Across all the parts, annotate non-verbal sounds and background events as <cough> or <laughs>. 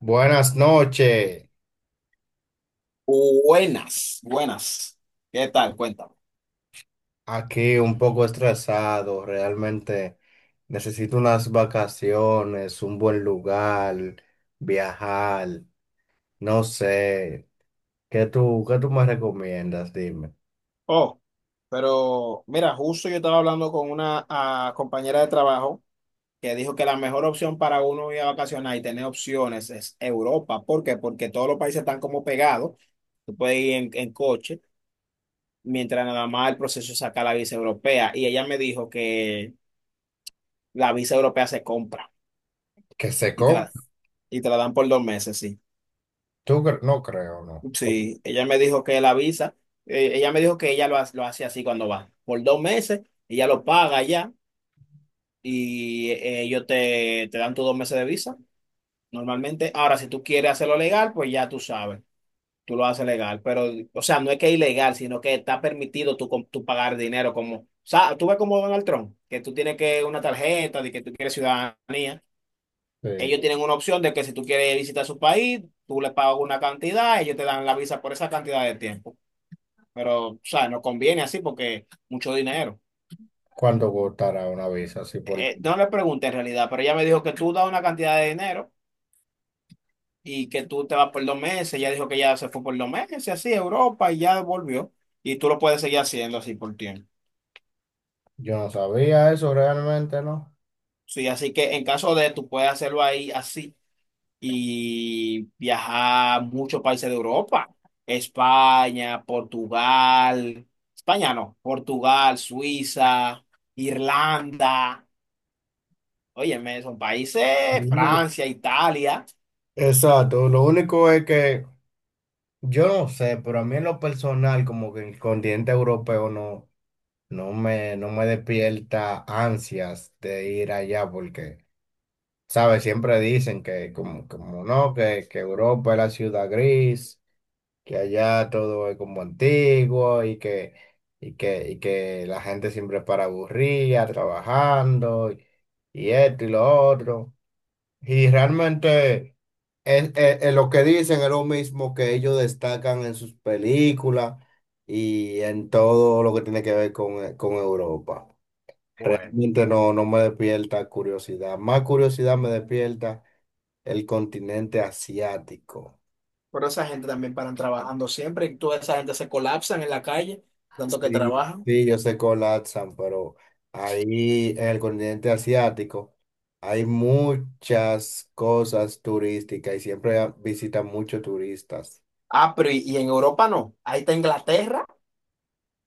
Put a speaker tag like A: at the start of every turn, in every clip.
A: Buenas noches,
B: Buenas, buenas. ¿Qué tal? Cuéntame.
A: aquí un poco estresado, realmente necesito unas vacaciones, un buen lugar, viajar, no sé, ¿qué tú me recomiendas? Dime.
B: Oh, pero mira, justo yo estaba hablando con una compañera de trabajo que dijo que la mejor opción para uno ir a vacacionar y tener opciones es Europa. ¿Por qué? Porque todos los países están como pegados. Tú puedes ir en coche, mientras nada más el proceso es sacar la visa europea. Y ella me dijo que la visa europea se compra
A: Que se
B: y
A: compre,
B: y te la dan por dos meses, sí.
A: no creo, no.
B: Sí, ella me dijo que ella me dijo que lo hace así cuando va. Por dos meses, ella lo paga ya y ellos te dan tus dos meses de visa normalmente. Ahora, si tú quieres hacerlo legal, pues ya tú sabes, tú lo haces legal. Pero, o sea, no es que es ilegal, sino que está permitido tú pagar dinero como, o sea, tú ves como Donald Trump, que tú tienes que una tarjeta de que tú quieres ciudadanía.
A: Sí.
B: Ellos tienen una opción de que si tú quieres visitar su país, tú le pagas una cantidad, ellos te dan la visa por esa cantidad de tiempo. Pero, o sea, nos conviene así porque mucho dinero.
A: ¿Cuánto costará una visa? Sí, por...
B: No le pregunté en realidad, pero ella me dijo que tú das una cantidad de dinero y que tú te vas por dos meses. Ella dijo que ya se fue por dos meses, así, a Europa y ya volvió. Y tú lo puedes seguir haciendo así por tiempo.
A: Yo no sabía eso realmente, ¿no?
B: Sí, así que en caso de tú puedes hacerlo ahí así y viajar a muchos países de Europa. España, Portugal, España no, Portugal, Suiza, Irlanda. Óyeme, son países,
A: No.
B: Francia, Italia.
A: Exacto, lo único es que yo no sé, pero a mí en lo personal, como que el continente europeo no, no me despierta ansias de ir allá, porque, ¿sabes? Siempre dicen que, como, como no, que Europa es la ciudad gris, que allá todo es como antiguo y que la gente siempre para aburrida, trabajando y esto y lo otro. Y realmente. En lo que dicen es lo mismo que ellos destacan en sus películas y en todo lo que tiene que ver con Europa.
B: Bueno,
A: Realmente no, no me despierta curiosidad. Más curiosidad me despierta el continente asiático.
B: pero esa gente también paran trabajando siempre y toda esa gente se colapsan en la calle, tanto que
A: Sí,
B: trabajan.
A: sí, yo sé que colapsan, pero ahí en el continente asiático hay muchas cosas turísticas y siempre visitan muchos turistas.
B: Ah, pero y en Europa no. Ahí está Inglaterra,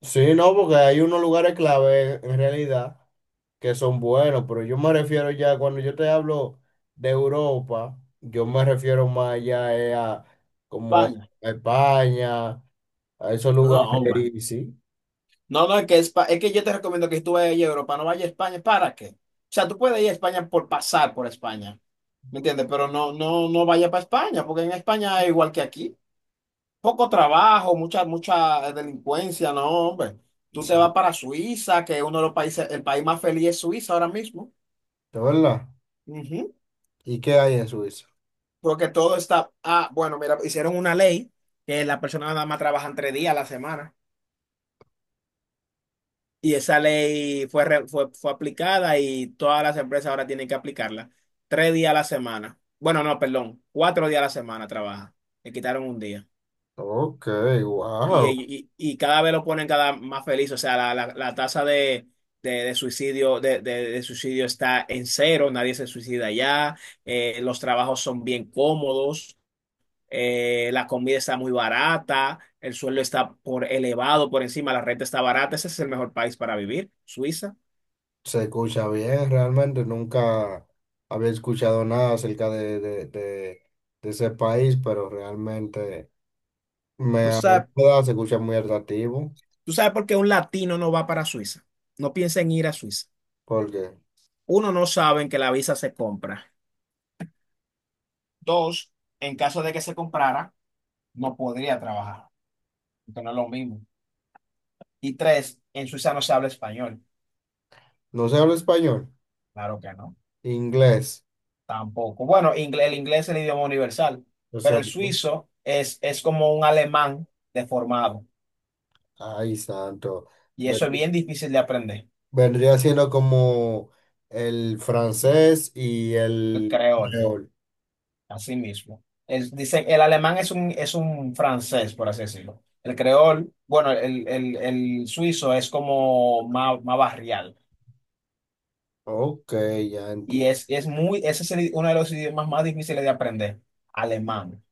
A: Sí, no, porque hay unos lugares clave en realidad que son buenos, pero yo me refiero ya, cuando yo te hablo de Europa, yo me refiero más ya a como
B: España.
A: a España, a esos
B: No,
A: lugares.
B: hombre.
A: Y sí,
B: No, no, es que, es que yo te recomiendo que si tú vayas a Europa, no vayas a España. ¿Para qué? O sea, tú puedes ir a España por pasar por España, ¿me entiendes? Pero no, no, no vayas para España, porque en España es igual que aquí. Poco trabajo, mucha delincuencia, no, hombre. Tú te
A: sí, de
B: vas para Suiza, que es uno de los países, el país más feliz es Suiza ahora mismo.
A: verdad.
B: Ujú.
A: ¿Y qué hay en Suiza?
B: Porque todo está, bueno, mira, hicieron una ley que las personas nada más trabajan tres días a la semana. Y esa ley fue, fue aplicada y todas las empresas ahora tienen que aplicarla. Tres días a la semana. Bueno, no, perdón, cuatro días a la semana trabaja. Le quitaron un día.
A: Ok, wow.
B: Y cada vez lo ponen cada más feliz, o sea, la tasa de suicidio, de suicidio está en cero, nadie se suicida ya, los trabajos son bien cómodos, la comida está muy barata, el sueldo está por elevado por encima, la renta está barata, ese es el mejor país para vivir, Suiza.
A: Se escucha bien, realmente nunca había escuchado nada acerca de ese país, pero realmente me
B: ¿Tú sabes,
A: agrada, se escucha muy atractivo.
B: tú sabes por qué un latino no va para Suiza? No piensa en ir a Suiza.
A: Porque
B: Uno, no saben que la visa se compra. Dos, en caso de que se comprara, no podría trabajar. Esto no es lo mismo. Y tres, en Suiza no se habla español.
A: no se habla español,
B: Claro que no,
A: inglés.
B: tampoco. Bueno, el inglés es el idioma universal,
A: O
B: pero
A: sea,
B: el
A: ¿no?
B: suizo es como un alemán deformado.
A: Ay, santo.
B: Y eso es
A: Ven-
B: bien difícil de aprender,
A: Vendría siendo como el francés y
B: el
A: el
B: creol,
A: creol.
B: así mismo. El, dice, el alemán es un francés, por así decirlo. El creol, bueno, el suizo es como más, más barrial.
A: Ok, ya entiendo.
B: Es muy, ese es el- uno de los idiomas más difíciles de aprender, alemán.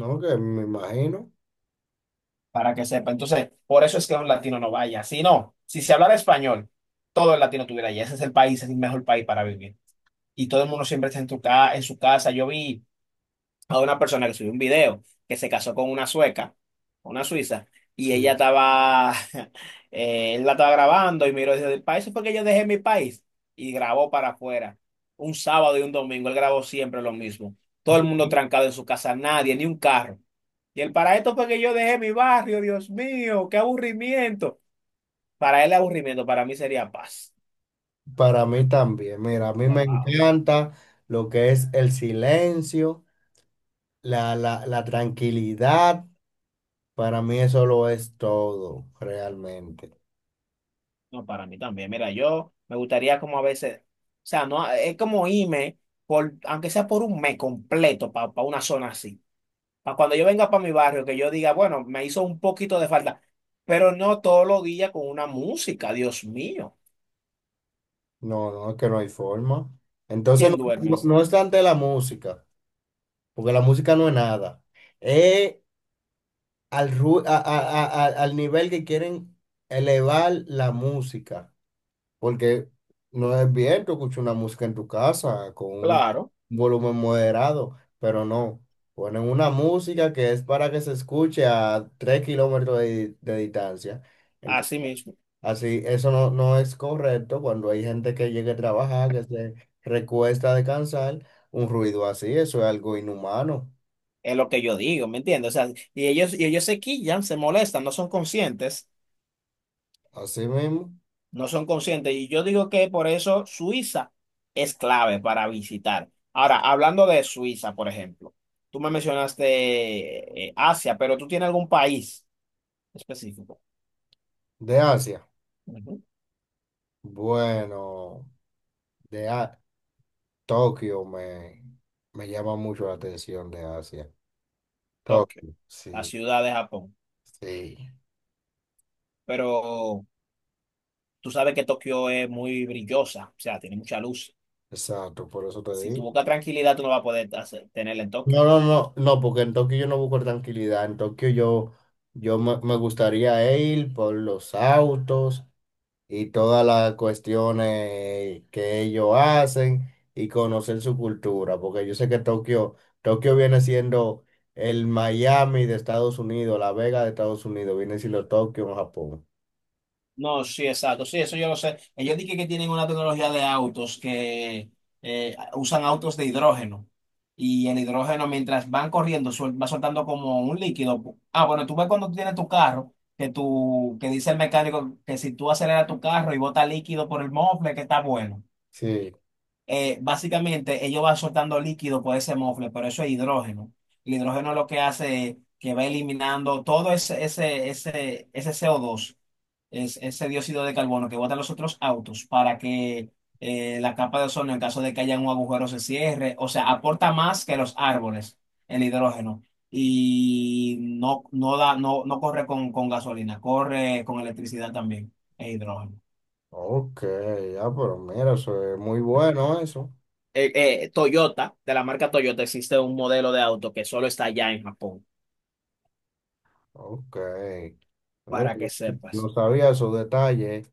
A: No, que me imagino.
B: Para que sepa. Entonces, por eso es que un latino no vaya. Si no, si se hablara español, todo el latino tuviera allá. Ese es el país, es el mejor país para vivir. Y todo el mundo siempre está en, en su casa. Yo vi a una persona que subió un video que se casó con una sueca, una suiza, y
A: Sí.
B: ella estaba, <laughs> él la estaba grabando y miró y dice, para eso fue que yo dejé mi país. Y grabó para afuera. Un sábado y un domingo, él grabó siempre lo mismo. Todo el mundo trancado en su casa, nadie, ni un carro. Y el para esto fue que yo dejé mi barrio, Dios mío, qué aburrimiento. Para él aburrimiento, para mí sería paz.
A: Para mí también. Mira, a mí me
B: Wow.
A: encanta lo que es el silencio, la tranquilidad. Para mí eso lo es todo, realmente.
B: No, para mí también. Mira, yo me gustaría como a veces, o sea, no, es como irme, por, aunque sea por un mes completo, para una zona así. Para cuando yo venga para mi barrio, que yo diga, bueno, me hizo un poquito de falta, pero no todos los días con una música, Dios mío.
A: No, no, es que no hay forma. Entonces,
B: ¿Quién
A: no,
B: duerme
A: no
B: así?
A: no es tanto la música, porque la música no es nada. Es al, ru- a- al nivel que quieren elevar la música, porque no es bien, tú escuchas una música en tu casa con un
B: Claro,
A: volumen moderado, pero no. Ponen una música que es para que se escuche a 3 km de distancia.
B: así mismo.
A: Así, eso no, no es correcto cuando hay gente que llega a trabajar, que se recuesta a descansar, un ruido así, eso es algo inhumano.
B: Es lo que yo digo, ¿me entiendes? O sea, y ellos se quillan, se molestan, no son conscientes.
A: Así mismo,
B: No son conscientes. Y yo digo que por eso Suiza es clave para visitar. Ahora, hablando de Suiza, por ejemplo, tú me mencionaste Asia, pero tú tienes algún país específico.
A: de Asia.
B: Ujú.
A: Bueno, de A- Tokio me llama mucho la atención de Asia.
B: Tokio,
A: Tokio,
B: la
A: sí,
B: ciudad de Japón.
A: sí,
B: Pero tú sabes que Tokio es muy brillosa, o sea, tiene mucha luz.
A: exacto, por eso te
B: Si tu
A: digo.
B: buscas tranquilidad, tú no vas a poder tenerla en Tokio.
A: No, no, no, no, porque en Tokio yo no busco tranquilidad, en Tokio yo, me gustaría ir por los autos y todas las cuestiones que ellos hacen y conocer su cultura, porque yo sé que Tokio viene siendo el Miami de Estados Unidos, la Vega de Estados Unidos, viene siendo Tokio en Japón.
B: No, sí, exacto. Sí, eso yo lo sé. Ellos dije que tienen una tecnología de autos que usan autos de hidrógeno. Y el hidrógeno, mientras van corriendo, va soltando como un líquido. Ah, bueno, tú ves cuando tú tienes tu carro, que tú, que dice el mecánico que si tú aceleras tu carro y bota líquido por el mofle, que está bueno.
A: Sí,
B: Básicamente ellos van soltando líquido por ese mofle, pero eso es hidrógeno. El hidrógeno lo que hace es que va eliminando todo ese CO2, es, ese dióxido de carbono que botan los otros autos para que la capa de ozono, en caso de que haya un agujero, se cierre. O sea, aporta más que los árboles el hidrógeno. Y no, no da, no, no corre con gasolina, corre con electricidad también, el hidrógeno.
A: ok, ya, pero mira, eso es muy bueno eso.
B: Toyota, de la marca Toyota, existe un modelo de auto que solo está allá en Japón,
A: Ok, mira,
B: para que
A: yo no
B: sepas.
A: sabía esos detalles,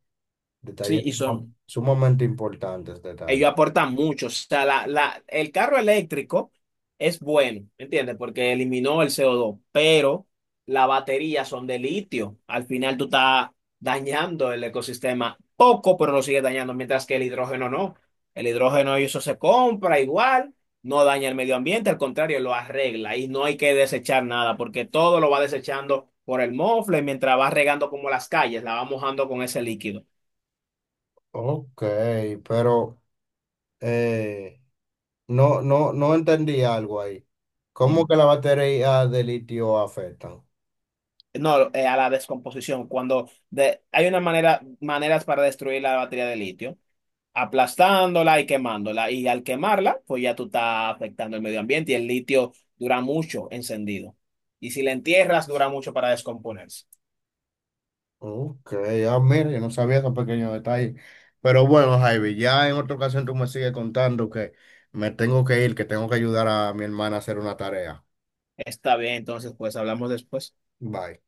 B: Sí,
A: detalles
B: y
A: suma-
B: son,
A: sumamente importantes, detalles.
B: ellos aportan mucho. O sea, el carro eléctrico es bueno, ¿me ¿entiendes? Porque eliminó el CO2, pero las baterías son de litio. Al final tú estás dañando el ecosistema poco, pero lo sigues dañando, mientras que el hidrógeno no. El hidrógeno y eso se compra igual, no daña el medio ambiente, al contrario, lo arregla y no hay que desechar nada, porque todo lo va desechando por el mofle mientras va regando como las calles, la va mojando con ese líquido.
A: Ok, pero... Eh, no, no, no entendí algo ahí. ¿Cómo que la batería de litio afectan?
B: No, a la descomposición. Cuando hay una manera, maneras para destruir la batería de litio, aplastándola y quemándola. Y al quemarla, pues ya tú estás afectando el medio ambiente y el litio dura mucho encendido. Y si la entierras, dura mucho para descomponerse.
A: Ok, ah, mira, yo no sabía esos pequeños detalles. Pero bueno, Javi, ya en otra ocasión tú me sigues contando que me tengo que ir, que tengo que ayudar a mi hermana a hacer una tarea.
B: Está bien, entonces pues hablamos después.
A: Bye.